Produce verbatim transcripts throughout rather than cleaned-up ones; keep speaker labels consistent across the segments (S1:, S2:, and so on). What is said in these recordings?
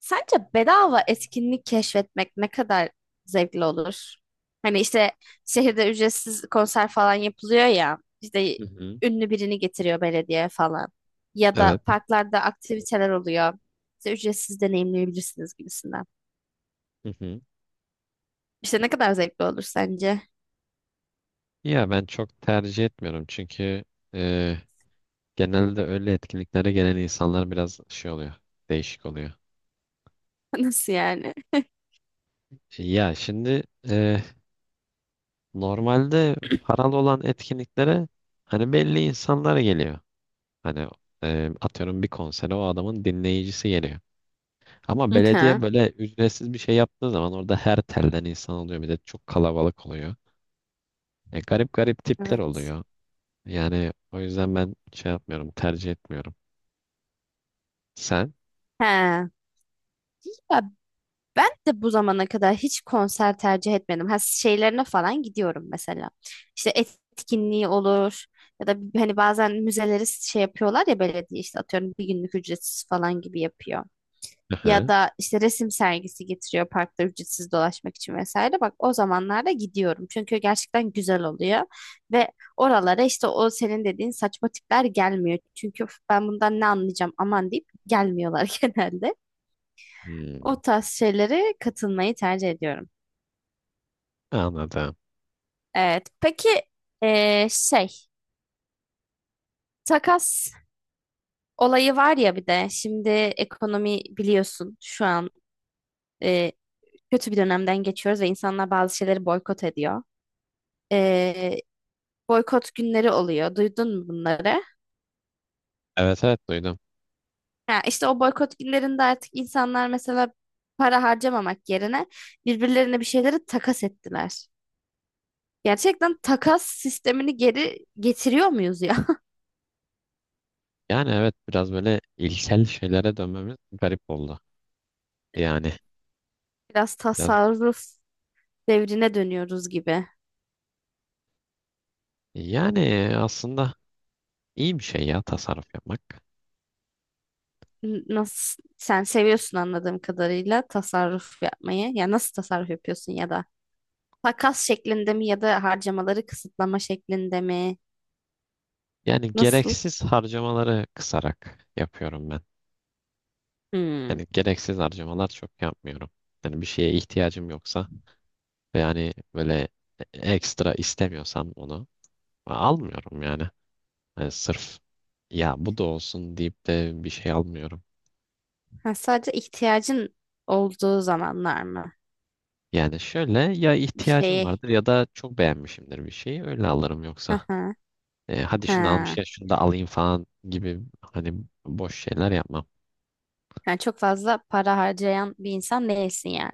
S1: Sence bedava etkinlik keşfetmek ne kadar zevkli olur? Hani işte şehirde ücretsiz konser falan yapılıyor ya, işte
S2: Hı hı.
S1: ünlü birini getiriyor belediye falan. Ya da
S2: Evet.
S1: parklarda aktiviteler oluyor. İşte ücretsiz deneyimleyebilirsiniz gibisinden.
S2: Hı hı.
S1: İşte ne kadar zevkli olur sence?
S2: Ya ben çok tercih etmiyorum çünkü e, genelde öyle etkinliklere gelen insanlar biraz şey oluyor, değişik oluyor.
S1: Nasıl yani?
S2: Ya şimdi e, normalde paralı olan etkinliklere hani belli insanlar geliyor. Hani e, atıyorum bir konsere o adamın dinleyicisi geliyor. Ama
S1: Hı
S2: belediye
S1: hı.
S2: böyle ücretsiz bir şey yaptığı zaman orada her telden insan oluyor. Bir de çok kalabalık oluyor. E, garip garip tipler
S1: Evet.
S2: oluyor. Yani o yüzden ben şey yapmıyorum, tercih etmiyorum. Sen?
S1: He. Ya ben de bu zamana kadar hiç konser tercih etmedim. Ha şeylerine falan gidiyorum mesela. İşte etkinliği olur ya da hani bazen müzeleri şey yapıyorlar ya belediye işte atıyorum bir günlük ücretsiz falan gibi yapıyor. Ya
S2: Aha.
S1: da işte resim sergisi getiriyor parkta ücretsiz dolaşmak için vesaire. Bak o zamanlarda gidiyorum. Çünkü gerçekten güzel oluyor. Ve oralara işte o senin dediğin saçma tipler gelmiyor. Çünkü "Üf, ben bundan ne anlayacağım aman deyip gelmiyorlar genelde.
S2: Hmm,
S1: O tarz şeylere katılmayı tercih ediyorum.
S2: anladım.
S1: Evet. Peki eee, şey takas olayı var ya bir de şimdi ekonomi biliyorsun şu an eee, kötü bir dönemden geçiyoruz ve insanlar bazı şeyleri boykot ediyor. Eee, boykot günleri oluyor. Duydun mu bunları?
S2: Evet evet duydum.
S1: Ha, işte o boykot günlerinde artık insanlar mesela para harcamamak yerine birbirlerine bir şeyleri takas ettiler. Gerçekten takas sistemini geri getiriyor muyuz ya?
S2: Yani evet biraz böyle ilkel şeylere dönmemiz garip oldu. Yani
S1: Biraz
S2: biraz
S1: tasarruf devrine dönüyoruz gibi.
S2: yani aslında iyi bir şey ya tasarruf yapmak.
S1: N- Nasıl sen seviyorsun anladığım kadarıyla tasarruf yapmayı. Ya nasıl tasarruf yapıyorsun ya da takas şeklinde mi ya da harcamaları kısıtlama şeklinde mi?
S2: Yani
S1: Nasıl?
S2: gereksiz harcamaları kısarak yapıyorum ben.
S1: Hmm.
S2: Yani gereksiz harcamalar çok yapmıyorum. Yani bir şeye ihtiyacım yoksa ve yani böyle ekstra istemiyorsam onu almıyorum yani. Yani sırf ya bu da olsun deyip de bir şey almıyorum.
S1: Ha, sadece ihtiyacın olduğu zamanlar mı?
S2: Yani şöyle ya
S1: Bir
S2: ihtiyacım
S1: şeyi.
S2: vardır ya da çok beğenmişimdir bir şeyi öyle alırım
S1: Hı
S2: yoksa.
S1: hı.
S2: E, hadi şunu
S1: Ha.
S2: almışken şunu da alayım falan gibi hani boş şeyler yapmam.
S1: Yani çok fazla para harcayan bir insan değilsin yani.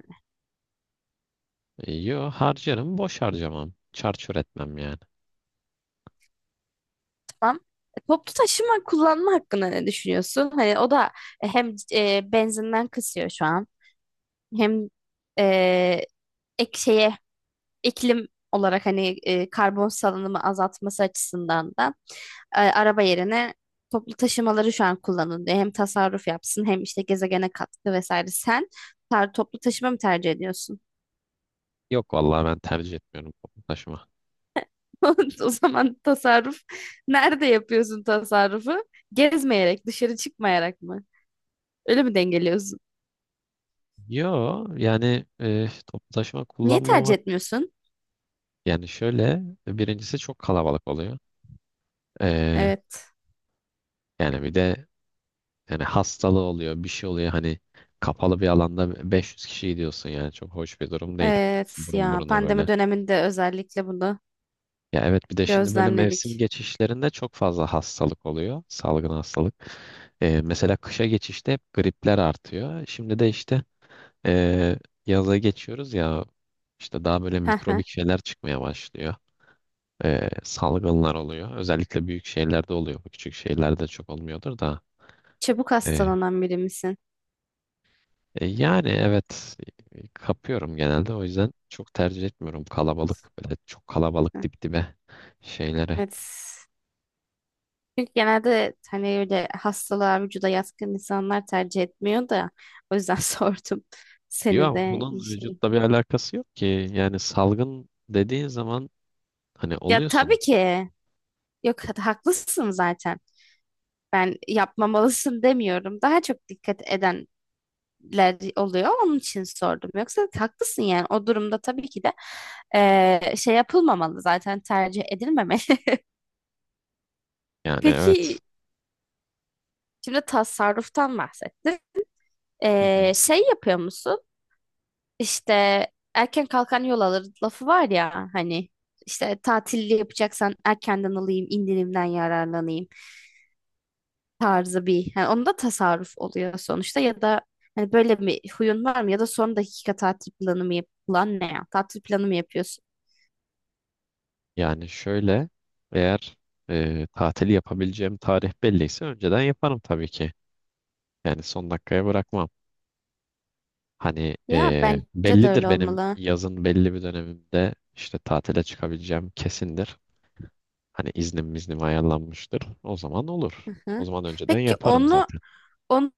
S2: E, yo harcarım boş harcamam. Çarçur etmem yani.
S1: Tamam. E, toplu taşıma kullanma hakkında ne düşünüyorsun? Hani o da hem e, benzinden kısıyor şu an. Hem e, ek şeye iklim olarak hani e, karbon salınımı azaltması açısından da e, araba yerine toplu taşımaları şu an kullanın diye hem tasarruf yapsın hem işte gezegene katkı vesaire. Sen tar- toplu taşıma mı tercih ediyorsun?
S2: Yok vallahi ben tercih etmiyorum toplu taşıma.
S1: O zaman tasarruf nerede yapıyorsun tasarrufu? Gezmeyerek, dışarı çıkmayarak mı? Öyle mi dengeliyorsun?
S2: Yo yani e, toplu taşıma
S1: Niye tercih
S2: kullanmamak
S1: etmiyorsun?
S2: yani şöyle birincisi çok kalabalık oluyor. E,
S1: Evet.
S2: Yani bir de yani hastalığı oluyor bir şey oluyor hani kapalı bir alanda beş yüz kişi gidiyorsun yani çok hoş bir durum değil.
S1: Evet
S2: Burun
S1: ya
S2: buruna
S1: pandemi
S2: böyle.
S1: döneminde özellikle bunu
S2: Ya evet bir de şimdi böyle mevsim
S1: gözlemledik.
S2: geçişlerinde çok fazla hastalık oluyor. Salgın hastalık. E, mesela kışa geçişte hep gripler artıyor. Şimdi de işte e, yaza geçiyoruz ya işte daha böyle
S1: Hı hı.
S2: mikrobik şeyler çıkmaya başlıyor. E, salgınlar oluyor. Özellikle büyük şehirlerde oluyor. Bu küçük şehirlerde çok olmuyordur da.
S1: Çabuk
S2: E,
S1: hastalanan biri misin?
S2: E, yani evet e, e, kapıyorum genelde. O yüzden çok tercih etmiyorum kalabalık böyle çok kalabalık
S1: Hı.
S2: dip dibe şeylere.
S1: Evet. Çünkü genelde hani öyle hastalığa vücuda yatkın insanlar tercih etmiyor da o yüzden sordum seni
S2: Yok ama
S1: de iyi
S2: bunun
S1: şey.
S2: vücutla bir alakası yok ki. Yani salgın dediğin zaman hani
S1: Ya
S2: oluyorsun.
S1: tabii ki. Yok ha- haklısın zaten. Ben yapmamalısın demiyorum. Daha çok dikkat edenler oluyor. Onun için sordum. Yoksa haklısın yani. O durumda tabii ki de eee, şey yapılmamalı zaten tercih edilmemeli.
S2: Yani evet.
S1: Peki şimdi tasarruftan bahsettik.
S2: Hı hı.
S1: Ee, şey yapıyor musun? İşte erken kalkan yol alır lafı var ya hani işte tatilli yapacaksan erkenden alayım, indirimden yararlanayım tarzı bir. Yani onda tasarruf oluyor sonuçta ya da hani böyle bir huyun var mı ya da son dakika tatil planı mı yap plan ne ya? Tatil planı mı yapıyorsun?
S2: Yani şöyle eğer e, tatili yapabileceğim tarih belliyse önceden yaparım tabii ki. Yani son dakikaya bırakmam. Hani
S1: Ya
S2: e,
S1: bence de öyle
S2: bellidir benim
S1: olmalı.
S2: yazın belli bir dönemimde işte tatile çıkabileceğim kesindir. Hani iznim iznim ayarlanmıştır. O zaman olur.
S1: Hı
S2: O
S1: hı.
S2: zaman önceden
S1: Peki
S2: yaparım
S1: onu
S2: zaten.
S1: Onu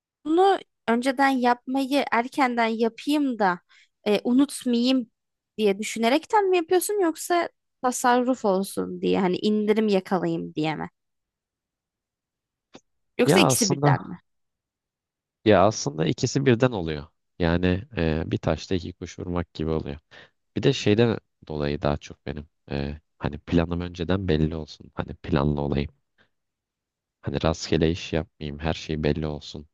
S1: önceden yapmayı erkenden yapayım da e, unutmayayım diye düşünerekten mi yapıyorsun yoksa tasarruf olsun diye hani indirim yakalayayım diye mi? Yoksa
S2: Ya
S1: ikisi birden
S2: aslında
S1: mi?
S2: ya aslında ikisi birden oluyor. Yani e, bir taşla iki kuş vurmak gibi oluyor. Bir de şeyden dolayı daha çok benim e, hani planım önceden belli olsun. Hani planlı olayım. Hani rastgele iş yapmayayım, her şey belli olsun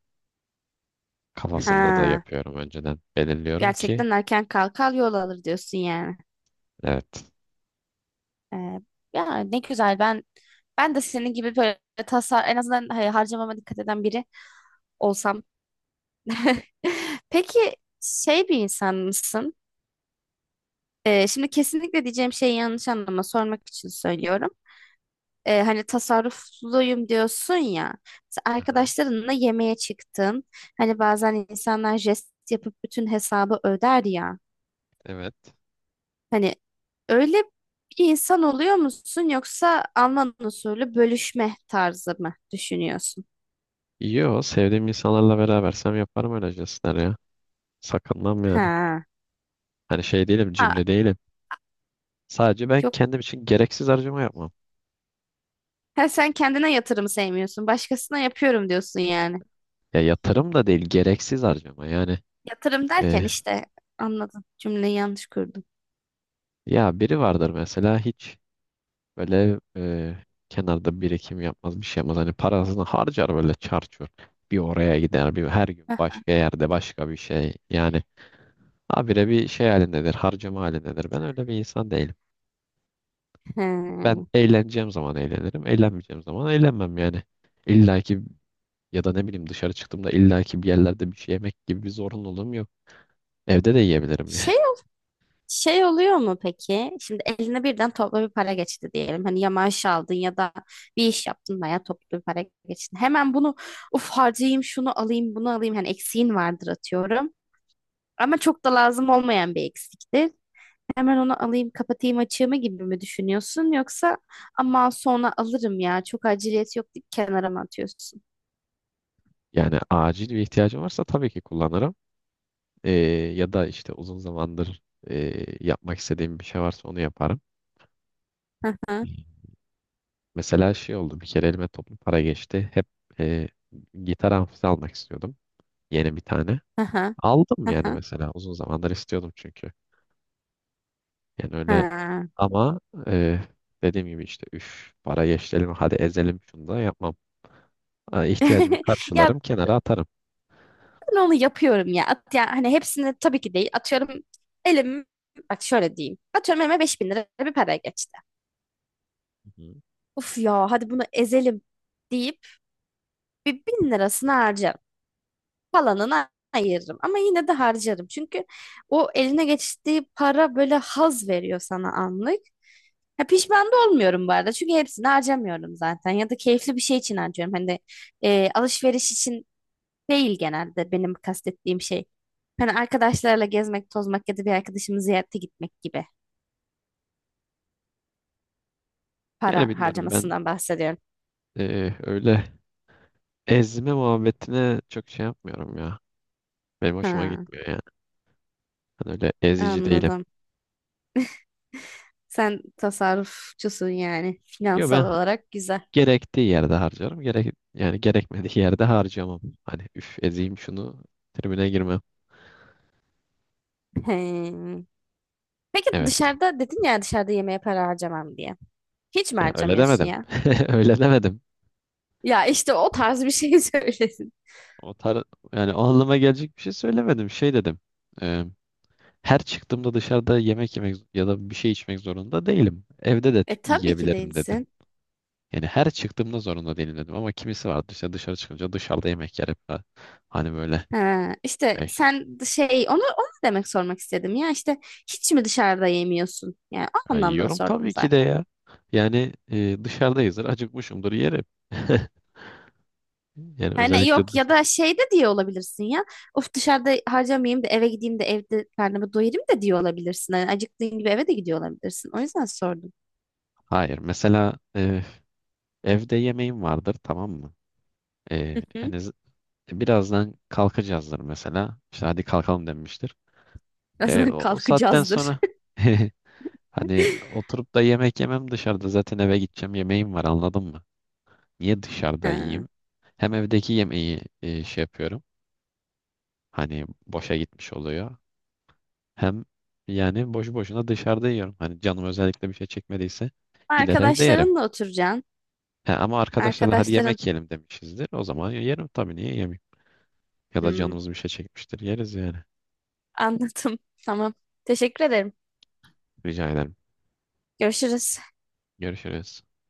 S2: kafasında da
S1: Ha,
S2: yapıyorum önceden. Belirliyorum ki
S1: gerçekten erken kalkar yol alır diyorsun yani.
S2: evet.
S1: E, ya ne güzel ben ben de senin gibi böyle tasar en azından hani harcamama dikkat eden biri olsam. Peki şey bir insan mısın? Ee, şimdi kesinlikle diyeceğim şeyi yanlış anlama sormak için söylüyorum. Ee, hani tasarrufluyum diyorsun ya. Sen
S2: Aha,
S1: arkadaşlarınla yemeğe çıktın. Hani bazen insanlar jest yapıp bütün hesabı öder ya.
S2: evet.
S1: Hani öyle bir insan oluyor musun yoksa Alman usulü bölüşme tarzı mı düşünüyorsun?
S2: İyi o. Sevdiğim insanlarla berabersem yaparım öyle jestler ya. Sakınmam yani.
S1: Ha.
S2: Hani şey değilim,
S1: Ha,
S2: cimri değilim. Sadece ben
S1: yok.
S2: kendim için gereksiz harcama yapmam.
S1: Ha, sen kendine yatırım sevmiyorsun. Başkasına yapıyorum diyorsun yani.
S2: Ya yatırım da değil, gereksiz harcama. Yani
S1: Yatırım
S2: e,
S1: derken işte anladım. Cümleyi yanlış kurdum.
S2: ya biri vardır mesela hiç böyle e, kenarda birikim yapmaz bir şey yapmaz. Hani parasını harcar böyle çarçur. Bir oraya gider bir her gün
S1: Heh.
S2: başka yerde başka bir şey. Yani habire bir şey halindedir harcama halindedir. Ben öyle bir insan değilim. Ben
S1: He.
S2: eğleneceğim zaman eğlenirim. Eğlenmeyeceğim zaman eğlenmem yani. İlla ki ya da ne bileyim dışarı çıktığımda illa ki bir yerlerde bir şey yemek gibi bir zorunluluğum yok. Evde de yiyebilirim yani.
S1: Şey şey oluyor mu peki? Şimdi eline birden toplu bir para geçti diyelim. Hani ya maaş aldın ya da bir iş yaptın veya toplu bir para geçti. Hemen bunu uf harcayayım şunu alayım bunu alayım. Hani eksiğin vardır atıyorum. Ama çok da lazım olmayan bir eksiktir. Hemen onu alayım kapatayım açığımı gibi mi düşünüyorsun? Yoksa ama sonra alırım ya çok aciliyet yok deyip kenara mı atıyorsun?
S2: Yani acil bir ihtiyacım varsa tabii ki kullanırım. E, Ya da işte uzun zamandır e, yapmak istediğim bir şey varsa onu yaparım.
S1: Hı hı,
S2: Mesela şey oldu bir kere elime toplu para geçti. Hep e, gitar amfisi almak istiyordum. Yeni bir tane.
S1: hı hı,
S2: Aldım
S1: hı
S2: yani
S1: hı,
S2: mesela uzun zamandır istiyordum çünkü. Yani öyle
S1: hı.
S2: ama e, dediğim gibi işte üf para geçti hadi ezelim şunu da yapmam. Ha, İhtiyacımı
S1: Ya
S2: karşılarım kenara atarım.
S1: ben onu yapıyorum ya. At, yani hani hepsini tabii ki değil. Atıyorum elim bak şöyle diyeyim. Atıyorum elime beş bin lira bir para geçti.
S2: Hı.
S1: Uf ya hadi bunu ezelim deyip bir bin lirasını harcarım. Falanını ayırırım ama yine de harcarım. Çünkü o eline geçtiği para böyle haz veriyor sana anlık. Ha, pişman da olmuyorum bu arada. Çünkü hepsini harcamıyorum zaten. Ya da keyifli bir şey için harcıyorum. Hani e, alışveriş için değil genelde benim kastettiğim şey. Hani arkadaşlarla gezmek, tozmak ya da bir arkadaşımı ziyarete gitmek gibi para
S2: Yani bilmiyorum ben
S1: harcamasından bahsediyorum.
S2: e, öyle ezme muhabbetine çok şey yapmıyorum ya. Benim hoşuma
S1: Ha,
S2: gitmiyor yani. Ben öyle ezici değilim.
S1: anladım. Sen tasarrufçusun yani
S2: Yo ben
S1: finansal olarak güzel.
S2: gerektiği yerde harcarım. Gerek yani gerekmediği yerde harcamam. Hani üf ezeyim şunu tribüne girmem.
S1: He. Peki
S2: Evet.
S1: dışarıda dedin ya dışarıda yemeğe para harcamam diye. Hiç mi
S2: Ya öyle
S1: harcamıyorsun
S2: demedim.
S1: ya?
S2: Öyle demedim.
S1: Ya işte o tarz bir şey söylesin.
S2: O tar yani o anlama gelecek bir şey söylemedim. Şey dedim. e, Her çıktığımda dışarıda yemek yemek ya da bir şey içmek zorunda değilim. Evde de tü-
S1: E tabii ki
S2: yiyebilirim dedim.
S1: değilsin.
S2: Yani her çıktığımda zorunda değilim dedim. Ama kimisi vardı işte dışarı çıkınca dışarıda yemek yer hep. Ha- hani böyle.
S1: Ha, işte
S2: Ya işte,
S1: sen şey onu onu demek sormak istedim ya işte hiç mi dışarıda yemiyorsun? Yani o
S2: ya
S1: anlamda
S2: yiyorum
S1: sordum
S2: tabii ki de
S1: zaten.
S2: ya. Yani e, dışarıdayızdır, acıkmışımdır yerim. Yani
S1: Hani
S2: özellikle
S1: yok
S2: dış-
S1: ya da şey de diye olabilirsin ya. Of dışarıda harcamayayım da eve gideyim de evde karnımı doyurayım da diye olabilirsin. Hani acıktığın gibi eve de gidiyor olabilirsin. O yüzden sordum.
S2: hayır. Mesela e, evde yemeğim vardır tamam mı? E, Yani z- birazdan kalkacağızdır mesela. İşte hadi kalkalım denmiştir. E,
S1: Birazdan
S2: o, o saatten
S1: kalkacağızdır.
S2: sonra hani oturup da yemek yemem dışarıda zaten eve gideceğim yemeğim var anladın mı? Niye dışarıda
S1: Ha.
S2: yiyeyim? Hem evdeki yemeği e, şey yapıyorum. Hani boşa gitmiş oluyor. Hem yani boşu boşuna dışarıda yiyorum. Hani canım özellikle bir şey çekmediyse gider evde yerim.
S1: Arkadaşlarınla oturacaksın.
S2: He, ama arkadaşlarla hadi
S1: Arkadaşların.
S2: yemek yiyelim demişizdir. O zaman yerim tabii niye yemeyeyim? Ya da
S1: Hmm,
S2: canımız bir şey çekmiştir. Yeriz yani.
S1: anladım. Tamam. Teşekkür ederim.
S2: Rica ederim.
S1: Görüşürüz.
S2: Görüşürüz.